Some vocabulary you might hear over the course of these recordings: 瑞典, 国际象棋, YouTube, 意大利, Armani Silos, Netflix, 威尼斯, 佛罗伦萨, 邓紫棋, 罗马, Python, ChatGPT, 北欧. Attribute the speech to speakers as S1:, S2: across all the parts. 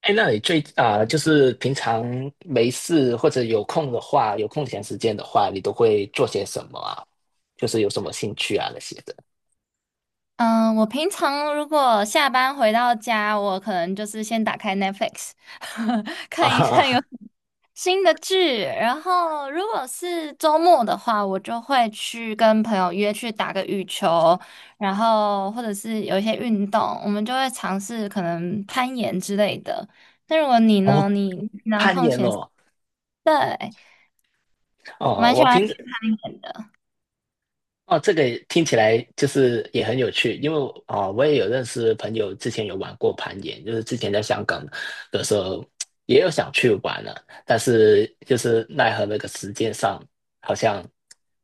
S1: 哎，那你就是平常没事或者有空的话，有空闲时间的话，你都会做些什么啊？就是有什么兴趣啊那些的
S2: 嗯，我平常如果下班回到家，我可能就是先打开 Netflix，看一
S1: 啊？
S2: 下有 新的剧。然后，如果是周末的话，我就会去跟朋友约去打个羽球，然后或者是有一些运动，我们就会尝试可能攀岩之类的。那如果你
S1: 哦，
S2: 呢？你平常
S1: 攀
S2: 空，
S1: 岩哦，
S2: 对，
S1: 哦，
S2: 蛮喜
S1: 我
S2: 欢
S1: 平时。
S2: 攀岩的，
S1: 哦，这个也听起来就是也很有趣，因为我也有认识朋友之前有玩过攀岩，就是之前在香港的时候也有想去玩了，但是就是奈何那个时间上好像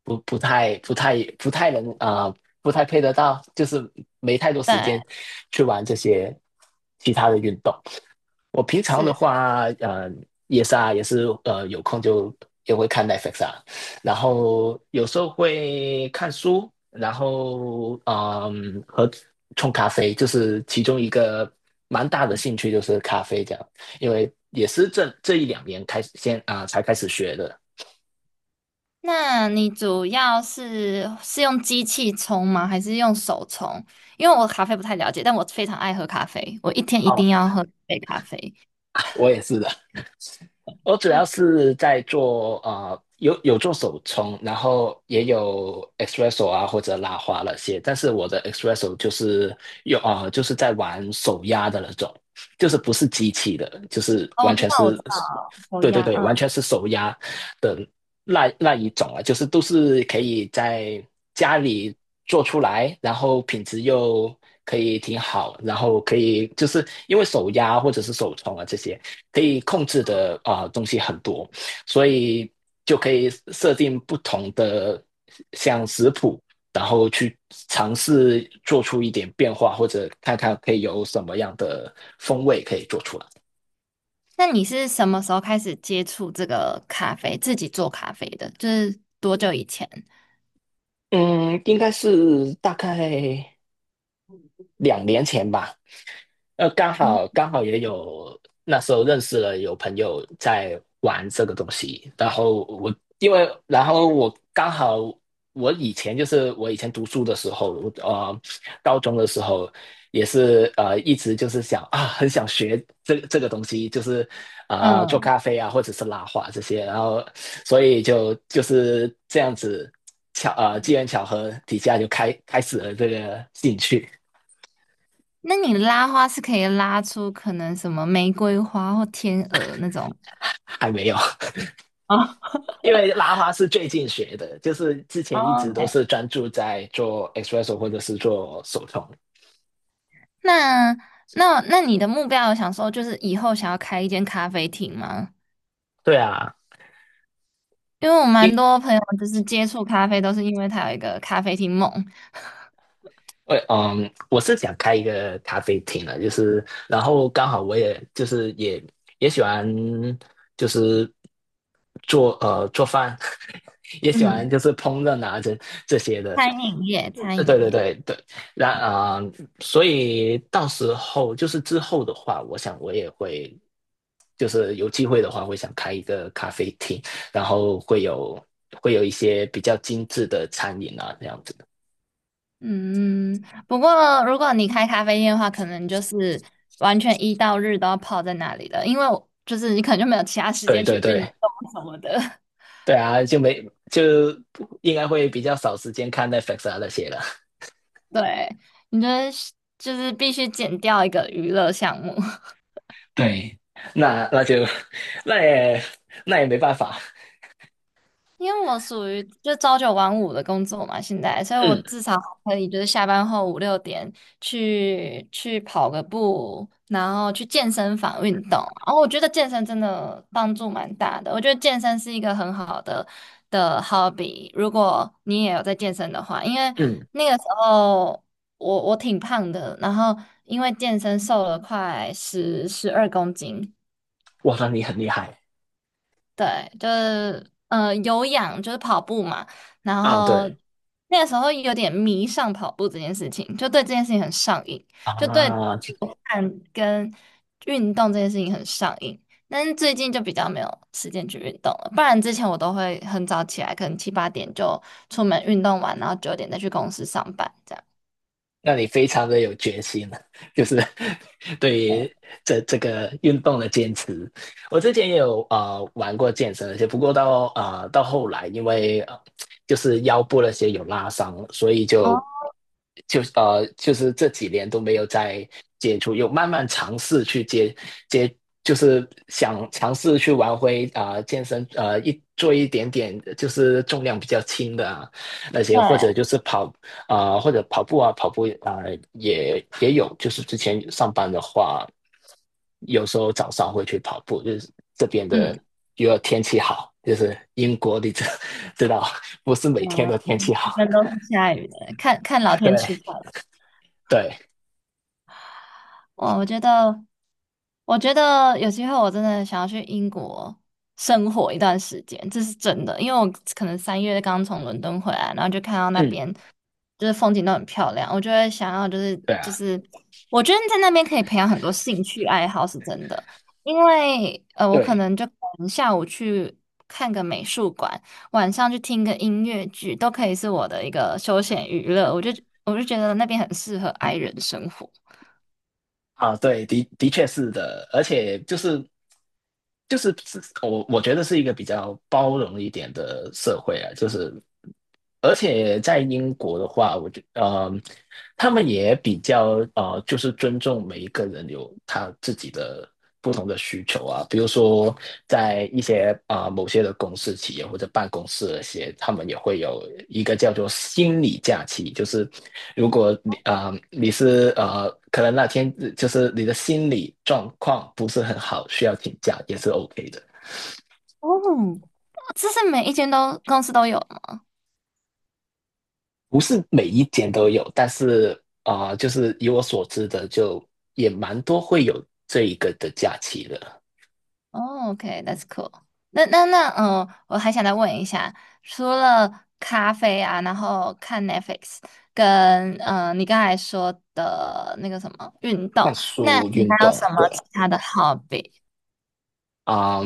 S1: 不不太不太不太能啊、不太配得到，就是没太多时间
S2: 对。
S1: 去玩这些其他的运动。我平常的
S2: 是。
S1: 话，也是啊，有空就也会看 Netflix 啊，然后有时候会看书，然后和冲咖啡，就是其中一个蛮大的兴趣就是咖啡这样，因为也是这一两年开始先啊、才开始学的。
S2: 那你主要是用机器冲吗？还是用手冲？因为我咖啡不太了解，但我非常爱喝咖啡，我一天一
S1: 哦，
S2: 定要喝一杯咖啡。
S1: 我也是的。我主要是在做有做手冲，然后也有 espresso 啊或者拉花那些，但是我的 espresso 就是有啊，就是在玩手压的那种，就是不是机器的，就是
S2: 哦，我
S1: 完
S2: 知
S1: 全
S2: 道，我知
S1: 是，
S2: 道，手
S1: 对对
S2: 压，
S1: 对，完
S2: 嗯。
S1: 全是手压的那一种啊，就是都是可以在家里做出来，然后品质又可以挺好，然后可以就是因为手压或者是手冲啊这些可以控制的东西很多，所以就可以设定不同的像食谱，然后去尝试做出一点变化，或者看看可以有什么样的风味可以做出来。
S2: 那你是什么时候开始接触这个咖啡，自己做咖啡的？就是多久以前？
S1: 嗯，应该是大概2年前吧。刚
S2: 哦，
S1: 好刚好也有那时候认识了有朋友在玩这个东西，然后我刚好我以前读书的时候，我高中的时候也是一直就是很想学这个东西，就是做
S2: 嗯，
S1: 咖啡啊或者是拉花这些，然后所以就是这样子机缘巧合底下就开始了这个兴趣，
S2: 那你拉花是可以拉出可能什么玫瑰花或天鹅那种。
S1: 还没有。因为拉花是最近学的，就是之前一
S2: 哦
S1: 直都
S2: ，OK，
S1: 是专注在做 espresso 或者是做手冲。
S2: 那那你的目标有想说，就是以后想要开一间咖啡厅吗？
S1: 对啊，
S2: 因为我蛮
S1: 因
S2: 多朋友就是接触咖啡，都是因为它有一个咖啡厅梦，
S1: 我嗯，我是想开一个咖啡厅的，就是，然后刚好我也就是也喜欢就是做饭，也喜欢
S2: 嗯，
S1: 就是烹饪啊这些的，
S2: 餐饮业，餐
S1: 对
S2: 饮
S1: 对
S2: 业。
S1: 对对，那所以到时候就是之后的话，我想我也会就是有机会的话，会想开一个咖啡厅，然后会有一些比较精致的餐饮啊这样子，的，
S2: 嗯，不过如果你开咖啡店的话，可能就是完全一到日都要泡在那里的，因为我就是你可能就没有其他时
S1: 对
S2: 间去
S1: 对
S2: 运动
S1: 对。
S2: 什么的。
S1: 对啊，就没就应该会比较少时间看 Netflix 啊那些了。
S2: 对，你就得就是必须减掉一个娱乐项目。
S1: 对 那就 那也那也没办法。
S2: 因为我属于就朝九晚五的工作嘛，现在，所以我
S1: 嗯
S2: 至少可以就是下班后5、6点去跑个步，然后去健身房运动。然后我觉得健身真的帮助蛮大的，我觉得健身是一个很好的 hobby。如果你也有在健身的话，因为
S1: 嗯，
S2: 那个时候我挺胖的，然后因为健身瘦了快十二公斤，
S1: 哇，那你很厉害
S2: 对，就是有氧，就是跑步嘛。然
S1: 啊！
S2: 后
S1: 对
S2: 那个时候有点迷上跑步这件事情，就对这件事情很上瘾，就对
S1: 啊。
S2: 看跟运动这件事情很上瘾。但是最近就比较没有时间去运动了，不然之前我都会很早起来，可能7、8点就出门运动完，然后9点再去公司上班这样。
S1: 让你非常的有决心了，就是 对
S2: 对，
S1: 于这个运动的坚持。我之前也有玩过健身，而且不过到后来，因为就是腰部那些有拉伤，所以
S2: 哦，
S1: 就是这几年都没有再接触，有慢慢尝试去接，就是想尝试去玩回健身，一做一点点就是重量比较轻的啊，那
S2: 对，
S1: 些或者就是或者跑步啊，跑步啊、也有，就是之前上班的话，有时候早上会去跑步，就是这边
S2: 嗯，
S1: 的如果天气好，就是英国你知 知道，不是每天都天
S2: 嗯，
S1: 气
S2: 一
S1: 好，
S2: 般都是下雨的，看看老 天
S1: 对
S2: 吃饭。
S1: 对，
S2: 哇，我觉得有机会我真的想要去英国生活一段时间，这是真的。因为我可能3月刚从伦敦回来，然后就看到那
S1: 嗯，
S2: 边就是风景都很漂亮，我就会想要就是
S1: 对
S2: 就
S1: 啊，
S2: 是，我觉得在那边可以培养很多兴趣爱好，是真的。因为我可
S1: 对
S2: 能就可能下午去看个美术馆，晚上去听个音乐剧，都可以是我的一个休闲娱乐。我就觉得那边很适合 i 人生活。
S1: 啊，对，的确是的，而且就是我觉得是一个比较包容一点的社会啊，就是而且在英国的话，他们也比较就是尊重每一个人有他自己的不同的需求啊。比如说，在一些啊、呃某些的公司企业或者办公室那些，他们也会有一个叫做心理假期，就是如果你是可能那天就是你的心理状况不是很好，需要请假也是 OK 的。
S2: 哦这是每一间都公司都有吗？
S1: 不是每一间都有，但是就是以我所知的，就也蛮多会有这一个的假期的。
S2: 哦，OK，that's cool。那，我还想再问一下，除了咖啡啊，然后看 Netflix，跟你刚才说的那个什么运
S1: 看
S2: 动，
S1: 书、
S2: 你
S1: 运
S2: 还有什
S1: 动，
S2: 么
S1: 对，
S2: 其他的 hobby？
S1: 啊、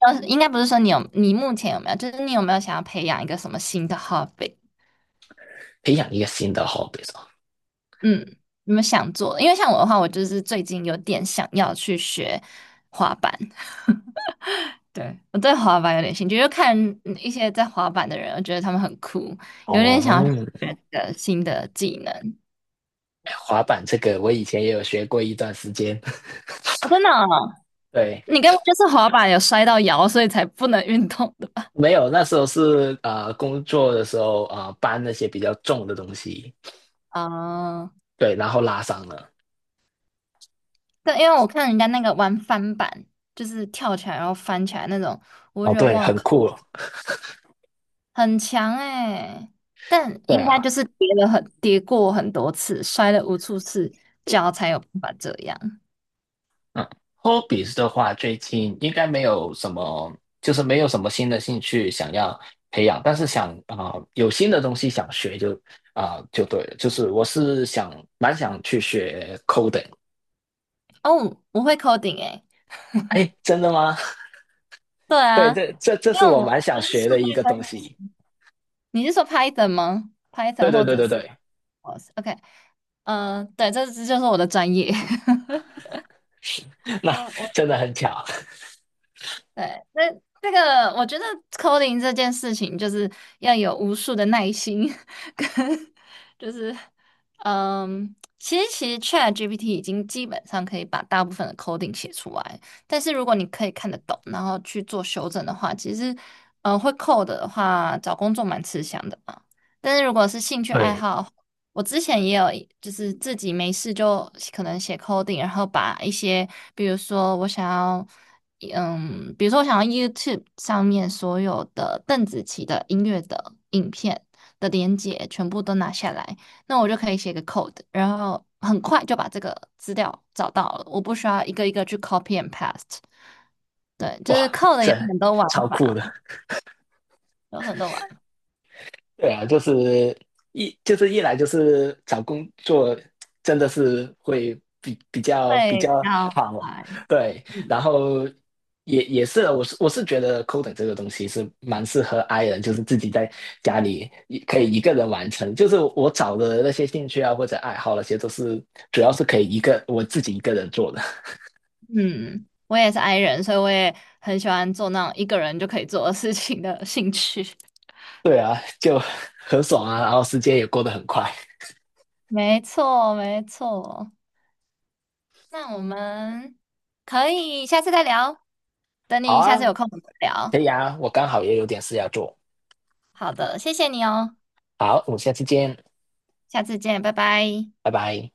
S2: 应该不是说你有，你目前有没有，就是你有没有想要培养一个什么新的 hobby？
S1: 培养一个新的 hobby
S2: 嗯，有没有想做的因为像我的话，我就是最近有点想要去学滑板。对，我对滑板有点兴趣，就看一些在滑板的人，我觉得他们很酷，有点
S1: 哦，
S2: 想学的新的技能。
S1: 哎滑板这个我以前也有学过一段时间，
S2: 哦，真的哦
S1: 对，
S2: 你根本就是滑板有摔到摇，所以才不能运动的吧？
S1: 没有，那时候是工作的时候搬那些比较重的东西，
S2: 啊、
S1: 对，然后拉伤了。
S2: 对，因为我看人家那个玩翻板，就是跳起来然后翻起来那种，我
S1: 哦，
S2: 就觉得
S1: 对，
S2: 哇
S1: 很
S2: 靠，
S1: 酷，
S2: 很强哎、但
S1: 对
S2: 应该
S1: 啊。
S2: 就是跌过很多次，摔了无数次，脚才有办法这样。
S1: 嗯，hobbies 的话，最近应该没有什么，就是没有什么新的兴趣想要培养，但是有新的东西想学就对了，就是我蛮想去学 coding。
S2: 哦，我会 coding 哎、
S1: 哎，真的吗？
S2: 对
S1: 对，
S2: 啊，
S1: 这这这
S2: 因
S1: 是
S2: 为
S1: 我
S2: 我
S1: 蛮
S2: 我
S1: 想
S2: 跟
S1: 学
S2: 数
S1: 的一
S2: 据
S1: 个
S2: 分
S1: 东西。
S2: 析，你是说 Python 吗
S1: 对
S2: ？Python
S1: 对
S2: 或
S1: 对
S2: 者
S1: 对
S2: 是
S1: 对，
S2: 我 OK，嗯、对，这就是我的专业。我
S1: 那
S2: 我
S1: 真的很巧。
S2: 对，那这个我觉得 coding 这件事情就是要有无数的耐心，跟就是其实 ChatGPT 已经基本上可以把大部分的 coding 写出来，但是如果你可以看得懂，然后去做修正的话，其实会 code 的话，找工作蛮吃香的嘛。但是如果是兴趣爱
S1: 对，
S2: 好，我之前也有，就是自己没事就可能写 coding，然后把一些，比如说我想要。比如说我想要 YouTube 上面所有的邓紫棋的音乐的影片的连接全部都拿下来，那我就可以写个 code，然后很快就把这个资料找到了，我不需要一个一个去 copy and paste。对，就是
S1: 哇，
S2: code 有
S1: 这
S2: 很多玩
S1: 超酷
S2: 法，
S1: 的。
S2: 有很多玩法，
S1: 对啊，就是一来就是找工作真的是会比比较比
S2: 会
S1: 较
S2: 要
S1: 好，
S2: 快。
S1: 对，然后也是我是觉得 coding 这个东西是蛮适合 i 人，就是自己在家里可以一个人完成，就是我找的那些兴趣啊或者爱好那些都是主要是可以我自己一个人做的，
S2: 嗯，我也是 i 人，所以我也很喜欢做那种一个人就可以做的事情的兴趣。
S1: 对啊，就很爽啊，然后时间也过得很快。
S2: 没错，没错。那我们可以下次再聊，等
S1: 好
S2: 你下
S1: 啊，
S2: 次有空我们聊。
S1: 可以啊，我刚好也有点事要做，
S2: 好的，谢谢你哦，
S1: 好，我们下次见。
S2: 下次见，拜拜。
S1: 拜拜。